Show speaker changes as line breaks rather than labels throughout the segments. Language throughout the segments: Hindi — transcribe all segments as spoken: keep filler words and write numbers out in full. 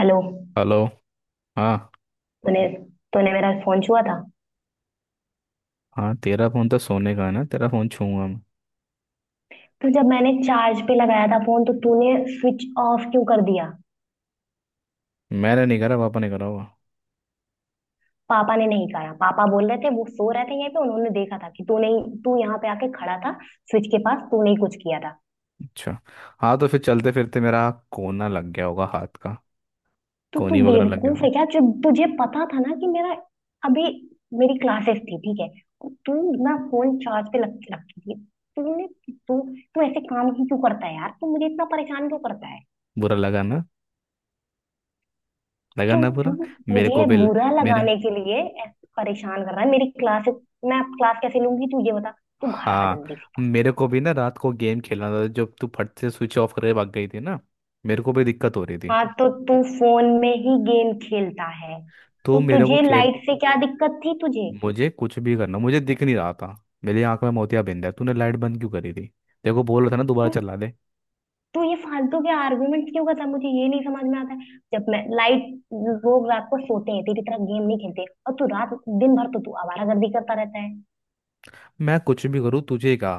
हेलो।
हेलो। हाँ।
तूने तूने मेरा फोन छुआ था।
हाँ, तेरा फोन तो सोने का है ना, तेरा फोन छूऊंगा मैं।
तो जब मैंने चार्ज पे लगाया था फोन, तो तूने स्विच ऑफ क्यों कर दिया?
मैंने नहीं करा, पापा ने करा होगा।
पापा ने नहीं कहा, पापा बोल रहे थे। वो सो रहे थे यहीं पे। उन्होंने देखा था कि तूने तू यहाँ पे आके खड़ा था। स्विच के पास तूने ही कुछ किया था।
अच्छा। हाँ, तो फिर चलते फिरते मेरा कोना लग गया होगा हाथ का,
तो तू
कोनी वगैरह लग गया
बेवकूफ
होगा।
है क्या? जब तुझे पता था ना कि मेरा अभी मेरी क्लासेस थी, ठीक है। तू ना फोन चार्ज पे रख रखी थी। तूने तू तू ऐसे काम ही क्यों करता है यार? तू मुझे इतना परेशान क्यों करता है?
बुरा लगा ना, लगा
तो
ना
तू
बुरा। मेरे को
मुझे
भी ल-
बुरा
मेरे
लगाने के लिए ऐसे परेशान कर रहा है। मेरी क्लास मैं अब क्लास कैसे लूंगी, तू ये बता। तू घर आ
हाँ,
जल्दी से बस।
मेरे को भी ना, रात को गेम खेलना था जब तू फट से स्विच ऑफ करके भाग गई थी ना। मेरे को भी दिक्कत हो रही थी।
हाँ तो तू फोन में ही गेम खेलता है?
तो
तो
मेरे को
तुझे
खेल—
लाइट से क्या दिक्कत थी तुझे?
मुझे कुछ भी करना, मुझे दिख नहीं रहा था। मेरी आंख में मोतियाबिंद है, तूने लाइट बंद क्यों करी थी? देखो, बोल रहा था ना, दोबारा
तू
चला दे।
तू ये फालतू के आर्गुमेंट क्यों करता है? मुझे ये नहीं समझ में आता है। जब मैं लाइट लोग रात को सोते हैं तेरी तरह, गेम नहीं खेलते। और तू रात दिन भर तो तू आवारागर्दी करता रहता है।
मैं कुछ भी करूँ तुझे का—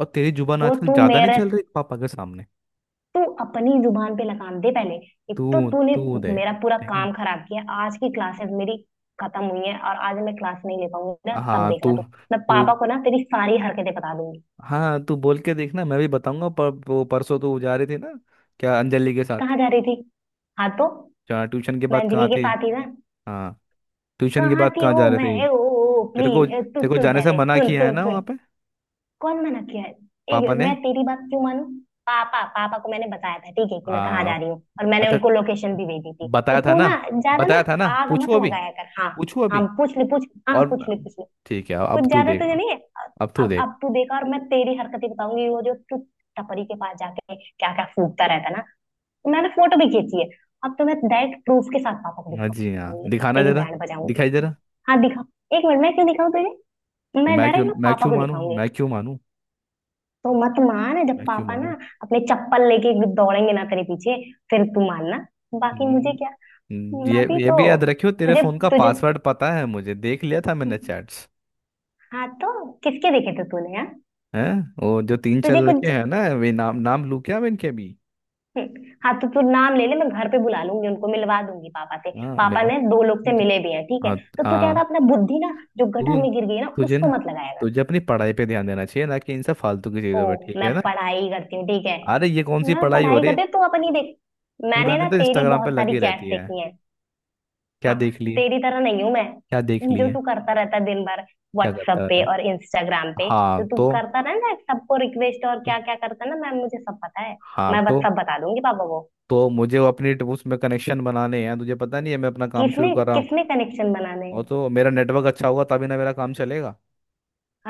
और तेरी जुबान
तो
आजकल
तू
ज्यादा नहीं
मेरे
चल रही पापा के सामने।
तू अपनी जुबान पे लगाम दे पहले। एक
तू
तो तूने
तू दे।
मेरा पूरा
ठीक है
काम
ना।
खराब किया। आज की क्लासेस मेरी खत्म हुई है, और आज मैं क्लास नहीं ले पाऊंगी ना, तब
हाँ।
देखना
तू
तू। मैं
तू
पापा को ना तेरी सारी हरकतें बता दूंगी।
हाँ, तू बोल के देखना, मैं भी बताऊंगा। पर वो परसों तो जा रही थी ना, क्या अंजलि के साथ?
कहाँ जा रही थी? हाँ तो
जहाँ ट्यूशन के
मैं
बाद
अंजलि
कहाँ
के
थी?
साथ ही ना।
हाँ। ट्यूशन के
कहाँ
बाद
थी?
कहाँ
ओ
जा रहे थे?
मैं ओ, ओ, ओ,
तेरे को
प्लीज तू
तेरे को
सुन।
जाने से
पहले
मना
सुन
किया है
सुन
ना वहाँ
सुन।
पे।
कौन मना किया है?
पापा
एक,
ने।
मैं तेरी बात क्यों मानूं? पापा पापा को मैंने बताया था, ठीक है, कि मैं कहाँ
हाँ।
जा रही हूँ। और मैंने
अच्छा।
उनको लोकेशन भी भेजी थी। तो
बताया था
तू
ना।
ना ज्यादा ना।
बताया था ना।
आग
पूछू
मत
अभी?
लगाया कर, हाँ।
पूछू
हाँ
अभी?
पूछ ले पूछ। हाँ
और—
पूछ ले पूछ ले।
ठीक है,
कुछ
अब तू
ज्यादा तुझे
देगा।
नहीं है।
अब तू
अब
देगा।
अब तू देखा, और मैं तेरी हरकतें बताऊंगी, वो जो तू टपरी के पास जाके क्या क्या फूकता रहता ना। तो मैंने फोटो भी खींची है। अब तो मैं डायरेक्ट प्रूफ के साथ पापा को
हाँ जी, हाँ
दिखाऊंगी। अब
दिखाना
तेरी
जरा,
बैंड
दिखाई
बजाऊंगी।
जरा।
हाँ दिखा। एक मिनट, मैं क्यों दिखाऊं तुझे? मैं
मैं क्यों
डायरेक्ट ना
मैं
पापा
क्यों
को
मानूं?
दिखाऊंगी।
मैं क्यों मानूं?
तो मत मान। जब
मैं क्यों
पापा
मानूं?
ना अपने चप्पल लेके एकदम दौड़ेंगे ना तेरे पीछे, फिर तू मानना। बाकी
हम्म,
मुझे क्या।
हम्म,
मैं
ये
भी
ये
तो
भी याद रखियो, तेरे
तुझे
फोन का
तुझे
पासवर्ड पता है मुझे, देख लिया था मैंने चैट्स।
हाँ तो, किसके देखे थे तूने? हाँ।
हैं? वो जो तीन चार
तुझे
लड़के
कुछ
हैं ना, वे— नाम नाम लू क्या मैं इनके भी?
हम्म, हाँ तो तू नाम ले ले। मैं घर पे बुला लूंगी, उनको मिलवा दूंगी पापा से।
हाँ,
पापा
मिलो।
ने दो लोग से
तुझ-
मिले भी हैं, ठीक है।
हाँ।
तो तू ज्यादा
हाँ।
अपना बुद्धि ना, जो गटर
तू
में गिर गई है ना,
तुझे ना,
उसको मत लगाया कर।
तुझे अपनी पढ़ाई पे ध्यान देना चाहिए ना, कि इन सब फालतू की
ओ,
चीजों पे, ठीक
मैं
है ना?
पढ़ाई करती हूँ, ठीक है।
अरे ये कौन सी
मैं
पढ़ाई हो
पढ़ाई
रही है?
करती हूँ, तू अपनी देख।
पूरा
मैंने
दिन
ना
तो
तेरी
इंस्टाग्राम पे
बहुत सारी
लगी
चैट
रहती है।
देखी है।
क्या
हाँ,
देख लिए?
तेरी तरह नहीं हूं मैं।
क्या देख
जो
लिए?
तू करता रहता है दिन भर
क्या करता
व्हाट्सएप
रहता
पे
है?
और इंस्टाग्राम पे। जो
हाँ
तू
तो,
करता रहता है सबको रिक्वेस्ट और
तो
क्या क्या करता है ना मैम, मुझे सब पता है।
हाँ
मैं
तो
बस सब बता दूंगी पापा को।
तो मुझे वो अपनी ट- उसमें कनेक्शन बनाने हैं, तुझे पता नहीं है, मैं अपना काम शुरू
किसने
कर रहा हूँ।
किसने कनेक्शन बनाने हैं?
और तो मेरा नेटवर्क अच्छा होगा तभी ना मेरा काम चलेगा।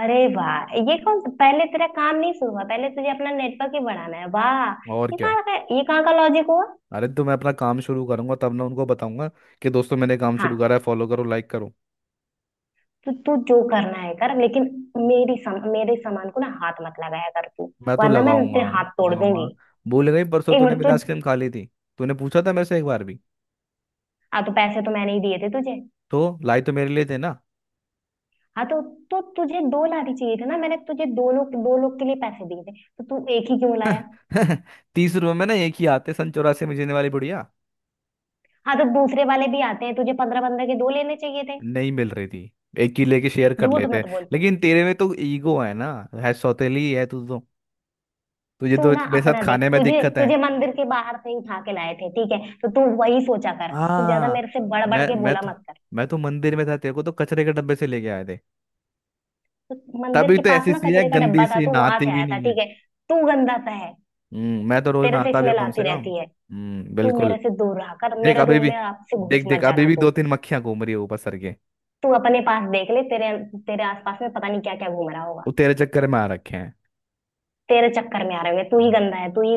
अरे वाह, ये कौन? पहले तेरा काम नहीं शुरू हुआ, पहले तुझे अपना नेटवर्क ही बढ़ाना है, वाह।
और
ये
क्या।
कहाँ का ये कहाँ का लॉजिक हुआ?
अरे तो मैं अपना काम शुरू करूंगा तब ना उनको बताऊंगा कि दोस्तों मैंने काम शुरू
हाँ,
करा है, फॉलो करो, लाइक करो।
तू तू जो करना है कर, लेकिन मेरी सम, मेरे सामान को ना हाथ मत लगाया कर तू,
मैं तो
वरना मैं
लगाऊंगा।
तेरे हाथ तोड़
लगाऊंगा।
दूंगी।
भूल गई, परसों
एक
तूने
मिनट
मेरी
तू।
आइसक्रीम खा ली थी? तूने पूछा था मेरे से एक बार भी?
हाँ तो पैसे तो मैंने ही दिए थे तुझे।
तो लाई तो मेरे लिए थे ना।
हाँ, तो तो तुझे दो लाने चाहिए थे ना। मैंने तुझे दो लोग दो लोग के लिए पैसे दिए थे। तो तू एक ही क्यों लाया?
तीस रुपए में ना एक ही आते, सन चौरासी में जीने वाली बुढ़िया।
हाँ तो दूसरे वाले भी आते हैं, तुझे पंद्रह पंद्रह के दो लेने चाहिए थे।
नहीं मिल रही थी, एक ही लेके शेयर कर
झूठ
लेते हैं।
मत बोल तू।
लेकिन तेरे में तो ईगो है ना। है, सौतेली है तू तो। तुझे
तू
तो
ना
मेरे साथ
अपना देख,
खाने में
तुझे
दिक्कत है।
तुझे मंदिर के बाहर से ही उठा के लाए थे, ठीक है। तो तू वही सोचा कर, तू ज्यादा
हाँ।
मेरे से बढ़ बढ़
मैं
के
मैं
बोला
तो
मत कर।
मैं तो मंदिर में था, तेरे को तो कचरे के डब्बे से लेके आए थे।
तो मंदिर
तभी
के
तो
पास
ऐसी
ना
सी है,
कचरे का
गंदी
डब्बा था,
सी,
तू वहां
नहाती
से
भी
आया था,
नहीं है।
ठीक है। तू गंदा सा है।
हम्म मैं तो रोज
तेरे से
नहाता भी हूँ
स्मेल
कम
आती
से कम।
रहती है।
हम्म,
तू
बिल्कुल।
मेरे से दूर रहा कर,
देख
मेरे
अभी
रूम
भी
में आपसे घुस
देख
मत
देख अभी
जाना
भी
तू।
दो तीन मक्खियां घूम रही है ऊपर सर के।
तू अपने पास देख ले, तेरे तेरे आसपास में पता नहीं क्या क्या घूम रहा होगा।
वो तेरे चक्कर में आ रखे हैं।
तेरे चक्कर में आ रहे होंगे, तू ही
हम्म।
गंदा है, तू ही।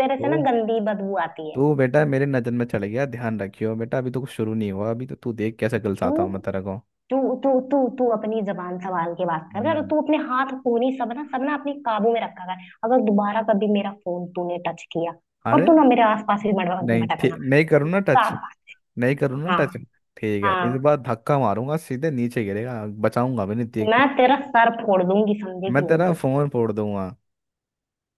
तेरे से ना
तो
गंदी बदबू आती है।
तू बेटा मेरे नजर में चढ़ गया, ध्यान रखियो बेटा। अभी तो कुछ शुरू नहीं हुआ, अभी तो तू देख कैसे
तू
गलसाता हूँ मैं तेरे को।
तू तू तू तू अपनी जबान संभाल के बात कर कर, और
हम्म।
तू अपने हाथ पूरी सब ना सब ना अपने काबू में रखा कर, अगर दोबारा कभी मेरा फोन तूने टच किया। और
अरे,
तू ना मेरे आसपास भी मत
नहीं ठीक,
भटकना।
नहीं करूँ ना
तो
टच।
आप-
नहीं करूँ ना
हाँ
टच। ठीक है,
हाँ।
इस बार धक्का मारूंगा, सीधे नीचे गिरेगा, बचाऊंगा भी नहीं देख
मैं
के।
तेरा सर फोड़ दूंगी, समझेगी
मैं
नहीं
तेरा
तू।
फोन फोड़ दूंगा।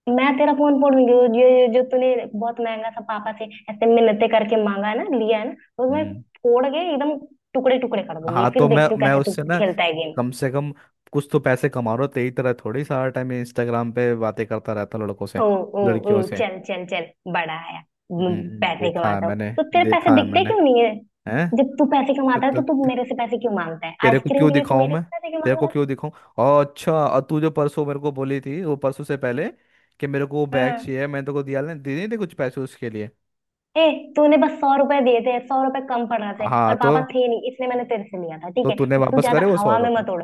मैं तेरा फोन फोड़ूंगी, वो जो जो जो तूने बहुत महंगा सा पापा से ऐसे मिन्नतें करके मांगा है ना, लिया है ना, वो मैं
हम्म।
फोड़ के एकदम टुकड़े टुकड़े कर दूंगी,
हाँ
फिर
तो मैं
देखती हूँ
मैं
कैसे तू
उससे ना
खेलता है गेम।
कम से कम कुछ तो पैसे कमा रहा हूं, तेरी तरह थोड़ी सारा टाइम इंस्टाग्राम पे बातें करता रहता हूं लड़कों से—
ओ ओ ओ,
लड़कियों से।
चल चल चल, बड़ा आया। म,
हम्म।
पैसे
देखा है
कमाता हूँ
मैंने।
तो तेरे पैसे
देखा है
दिखते
मैंने।
क्यों नहीं है?
हैं?
जब तू पैसे
तो,
कमाता है तो तू
तो,
मेरे से पैसे क्यों मांगता है?
तेरे को
आइसक्रीम
क्यों
के लिए तू
दिखाऊं
मेरे
मैं?
से पैसे क्यों
तेरे
मांग
को
रहा
क्यों दिखाऊं? और अच्छा, और तू जो परसों मेरे को बोली थी, वो परसों से पहले, कि मेरे को वो
है?
बैग
हाँ।
चाहिए, मैंने तेरे को दिया? नहीं, दे नहीं थे कुछ पैसे उसके लिए।
ए, तूने बस सौ रुपए दिए थे, सौ रुपए कम पड़ रहे थे,
हाँ,
और
तो
पापा थे नहीं, इसलिए मैंने तेरे से लिया था,
तो
ठीक है?
तूने
तो तू
वापस
ज्यादा
करे वो सौ
हवा में
रुपये
मत उड़।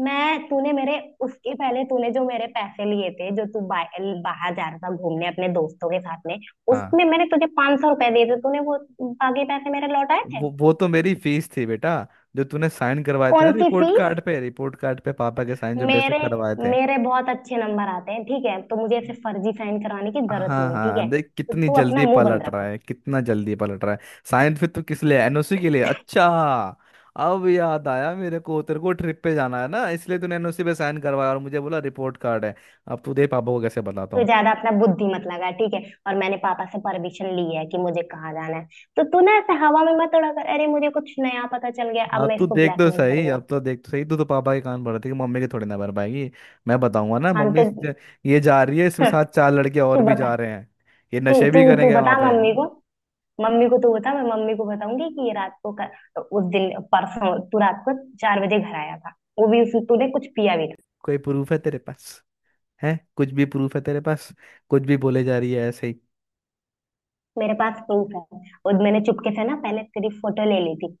मैं तूने मेरे उसके पहले तूने जो मेरे पैसे लिए थे, जो तू बा, बाहर जा रहा था घूमने अपने दोस्तों के साथ में,
हाँ।
उसमें मैंने तुझे पांच सौ रुपए दिए थे, तूने वो बाकी पैसे मेरे लौटाए थे?
वो वो तो मेरी फीस थी बेटा, जो तूने साइन करवाए थे ना
कौन सी
रिपोर्ट
फीस?
कार्ड पे, रिपोर्ट कार्ड पे पापा के साइन जो मेरे से
मेरे
करवाए थे।
मेरे बहुत अच्छे नंबर आते हैं, ठीक है, तो मुझे ऐसे फर्जी साइन कराने की जरूरत
हाँ
नहीं है, ठीक
हाँ,
है।
देख
तो
कितनी
तू अपना
जल्दी
मुंह बंद
पलट रहा
रख।
है, कितना जल्दी पलट रहा है। साइंस फिर तू किस लिए, एन ओ सी के लिए? अच्छा, अब याद आया मेरे को, तेरे को ट्रिप पे जाना है ना इसलिए तूने एन ओ सी पे साइन करवाया और मुझे बोला रिपोर्ट कार्ड है। अब तू दे पापा को कैसे बताता
तू
हूँ।
ज्यादा अपना बुद्धि मत लगा, ठीक है। और मैंने पापा से परमिशन ली है कि मुझे कहाँ जाना है। तो तू ना ऐसे हवा में मत उड़ा कर, "अरे मुझे कुछ नया पता चल गया, अब
अब
मैं
तू
इसको
देख तो
ब्लैकमेल
सही,
करूंगा"।
अब तो देख तो सही, तू तो पापा के कान भर देगी, मम्मी के थोड़ी ना भर पाएगी। मैं बताऊंगा ना,
हाँ
मम्मी,
तो
इस- ये जा रही है, इसके साथ चार लड़के
तू
और भी जा
बता।
रहे हैं, ये
तू
नशे
तू
भी
तू
करेंगे
बता
वहां पे।
मम्मी को। मम्मी को तू बता, मैं मम्मी को बताऊंगी कि ये रात को कर, तो उस दिन परसों तू रात को चार बजे घर आया था, वो भी उस तूने कुछ पिया भी था।
कोई प्रूफ है तेरे पास? है कुछ भी प्रूफ है तेरे पास? कुछ भी बोले जा रही है ऐसे ही।
मेरे पास प्रूफ है। और मैंने चुपके से ना पहले तेरी फोटो ले ली थी।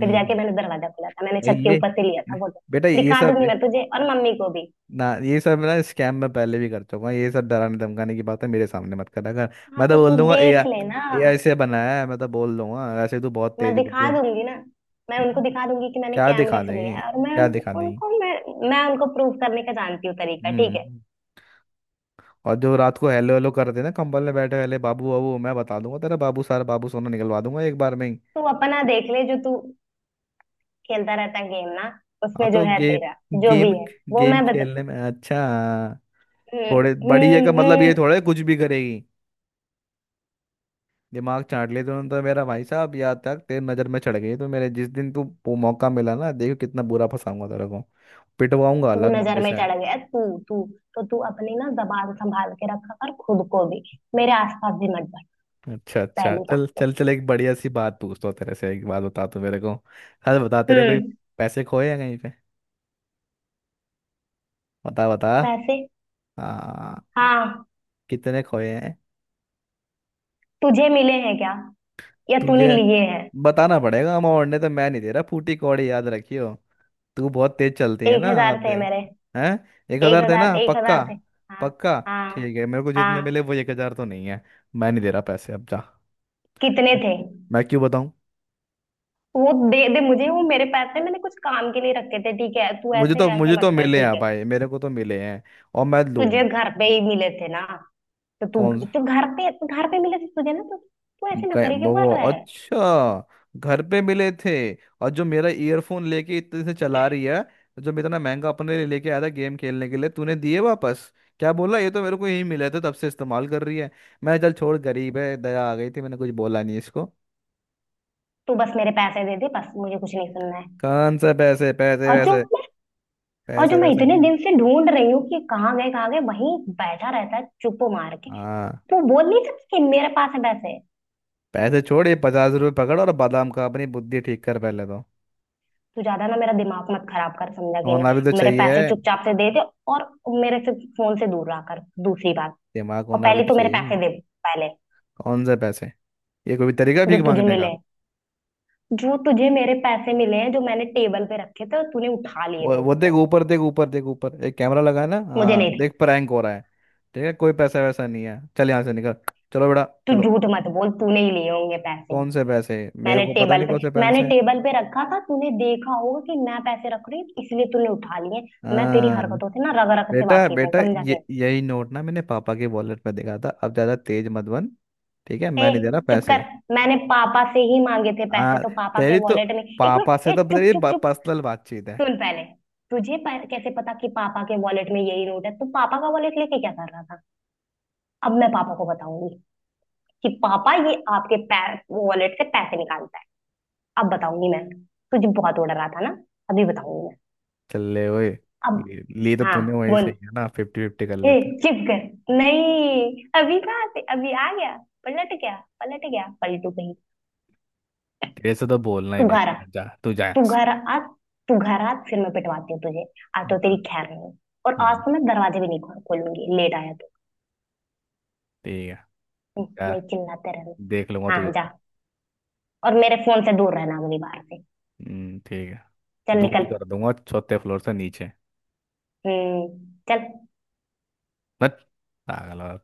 फिर
हम्म।
जाके मैंने दरवाजा खोला था, मैंने
ये
छत के
ये-
ऊपर से लिया था फोटो।
बेटा ये
दिखा
सब
दूंगी मैं तुझे और मम्मी को भी।
ना, ये सब ना स्कैम में पहले भी कर चुका हूँ, ये सब डराने धमकाने की बात है, मेरे सामने मत करा कर।
हाँ
मैं तो
तो
बोल
तू
दूंगा ए आई,
देख लेना।
ए आई से बनाया है मैं तो बोल दूंगा, वैसे तू बहुत
मैं
तेज बुद्धि
दिखा
है।
दूंगी ना। मैं उनको
हम्म।
दिखा दूंगी कि मैंने
क्या
कैमरे
दिखा
से लिया
देंगे?
है। और मैं
क्या
उन-
दिखा देंगे?
उनको मैं मैं उनको प्रूफ करने का जानती हूँ तरीका, ठीक है।
हम्म। और जो रात को हेलो हेलो करते ना कंबल में बैठे वाले, बाबू बाबू, मैं बता दूंगा तेरा बाबू, सारा बाबू सोना निकलवा दूंगा एक बार में ही।
तू अपना देख ले जो तू खेलता रहता गेम ना
हाँ
उसमें जो
तो
है
गेम,
तेरा जो भी
गेम,
है वो
गेम
मैं बता
खेलने में अच्छा।
हम्म
थोड़े बड़ी जगह,
हम्म
मतलब
हम्म।
ये थोड़े कुछ भी करेगी। दिमाग चाट लिया तूने तो मेरा भाई साहब, यहाँ तक तेरी नजर में चढ़ गई तो मेरे, जिस दिन तू पो- मौका मिला ना, देखो कितना बुरा फंसाऊंगा तेरे को। पिटवाऊंगा
तू
अलग
नजर
मम्मी
में
से।
चढ़ गया तू तू तो तू अपनी ना जबान संभाल के रखा कर खुद को भी। मेरे आसपास भी मत बढ़।
अच्छा अच्छा,
पहली बात
चल
तो।
चल चल, एक बढ़िया सी बात पूछता हूँ तेरे से, एक बात बता तू मेरे को, हल बता, तेरे कोई
हम्म
पैसे खोए हैं कहीं पे? बता बता।
पैसे?
हाँ।
हाँ।
कितने खोए हैं?
तुझे मिले हैं क्या, या तूने
तुझे
लिए हैं?
बताना पड़ेगा अमाउंट, ने तो मैं नहीं दे रहा फूटी कौड़ी, याद रखियो। तू बहुत तेज चलती है
एक
ना, आप
हजार थे
देख।
मेरे।
हैं? एक
एक
हजार
हजार
देना
एक
पक्का?
हजार थे। हाँ।
पक्का?
हाँ।
ठीक है, मेरे को जितने
हाँ।
मिले वो एक हजार तो नहीं है। मैं नहीं दे रहा पैसे, अब जा।
कितने थे?
मैं क्यों बताऊं?
वो दे दे मुझे, वो मेरे पैसे, मैंने कुछ काम के लिए रखे थे, ठीक है? तू
मुझे
ऐसे
तो मुझे
ऐसे
तो
मत कर,
मिले
ठीक
हैं
है।
भाई, मेरे को तो मिले हैं, और मैं
तुझे
लूंगा नहीं
घर पे
वापस।
ही मिले थे ना? तो तू।
कौन?
तो घर पे तो घर पे मिले थे तुझे ना, तो तू
हम
ऐसे ना
कहे-
करे, क्यों
वो
कर रहा है?
अच्छा, घर पे मिले थे। और जो मेरा ईयरफोन लेके इतने से चला रही है, जो मैं इतना महंगा अपने लिए लेके आया था गेम खेलने के लिए, तूने दिए वापस? क्या बोला ये तो मेरे को यही मिले थे, तब से इस्तेमाल कर रही है। मैं चल छोड़, गरीब है, दया आ गई थी, मैंने कुछ बोला नहीं इसको।
तू बस मेरे पैसे दे दे, बस मुझे कुछ नहीं सुनना है।
कौन से पैसे? पैसे
और जो
वैसे,
मैं और जो
पैसे
मैं
वैसे
इतने
नहीं है।
दिन से ढूंढ रही हूँ कि कहाँ गए कहाँ गए, वहीं बैठा रहता है चुप मार के।
हाँ।
तू बोल नहीं सकती कि मेरे पास है पैसे?
पैसे छोड़, ये पचास रुपये पकड़ और बादाम खा, अपनी बुद्धि ठीक कर पहले तो।
तू ज्यादा ना मेरा दिमाग मत खराब कर, समझा कि
होना भी तो
नहीं, मेरे पैसे
चाहिए,
चुपचाप से दे दे। और मेरे से फोन से दूर रहा कर, दूसरी बात।
दिमाग
और
होना भी
पहले
तो
तो मेरे
चाहिए।
पैसे दे, पहले।
कौन से पैसे? ये कोई भी तरीका
जो
भीख
तुझे
मांगने?
मिले हैं जो तुझे मेरे पैसे मिले हैं, जो मैंने टेबल पे रखे थे और तूने उठा लिए थे
वो वो देख
उसको।
ऊपर, देख ऊपर, देख ऊपर एक कैमरा लगा है ना,
मुझे
हाँ
नहीं थे।
देख, प्रैंक हो रहा है। ठीक है, कोई पैसा वैसा नहीं है, चल यहाँ से निकल। चलो बेटा,
तू
चलो।
झूठ मत बोल, तूने ही लिए होंगे पैसे।
कौन से पैसे? मेरे
मैंने
को पता
टेबल
नहीं
पे
कौन से
मैंने
पैसे।
टेबल पे रखा था, तूने देखा होगा कि मैं पैसे रख रही हूँ, इसलिए तूने उठा लिए। मैं तेरी
हाँ,
हरकतों से ना रग रग से
बेटा
वाकिफ हूँ,
बेटा,
समझा
ये
के।
यही नोट ना मैंने पापा के वॉलेट में देखा था, अब ज्यादा तेज मत बन। ठीक है,
ए
मैं नहीं दे रहा
चुप कर!
पैसे।
मैंने पापा से ही मांगे थे पैसे
हाँ।
तो पापा के
तेरी तो
वॉलेट में। एक
पापा
मिनट,
से
ए
तो
चुप
तेरी
चुप चुप।
पर्सनल बातचीत है।
सुन पहले। तुझे प- कैसे पता कि पापा के वॉलेट में यही नोट है? तू पापा का वॉलेट लेके क्या कर रहा था? अब मैं पापा को बताऊंगी कि पापा, ये आपके वॉलेट से पैसे निकालता है। अब बताऊंगी मैं। तुझे बहुत उड़ रहा था ना। अभी बताऊंगी मैं।
चल ले, ओए।
अब।
ली ली तो
हाँ
तूने वहीं से
बोल।
ही है ना, फिफ्टी फिफ्टी कर
ए
लेते।
चुप कर। नहीं अभी कहाँ से अभी आ गया? पलट गया। पलट गया पलटू कहीं।
तेरे से तो बोलना ही
तू घारा
बेकार है, जा तू, जा यहाँ
तू
से।
घारा आज तू घारा आज, फिर मैं पिटवाती हूँ तुझे। आज तो तेरी खैर नहीं। और आज
हाँ।
तो मैं दरवाजे भी नहीं खोल- खोलूंगी, लेट आया।
ठीक है। क्या?
वही चिल्लाते
देख लूंगा
रहना।
तुझे।
हाँ जा। और मेरे फोन से दूर रहना अगली बार से।
हम्म, ठीक है।
चल निकल।
दूरी कर दूंगा चौथे फ्लोर से नीचे।
हम्म, चल।
बट पागल हो।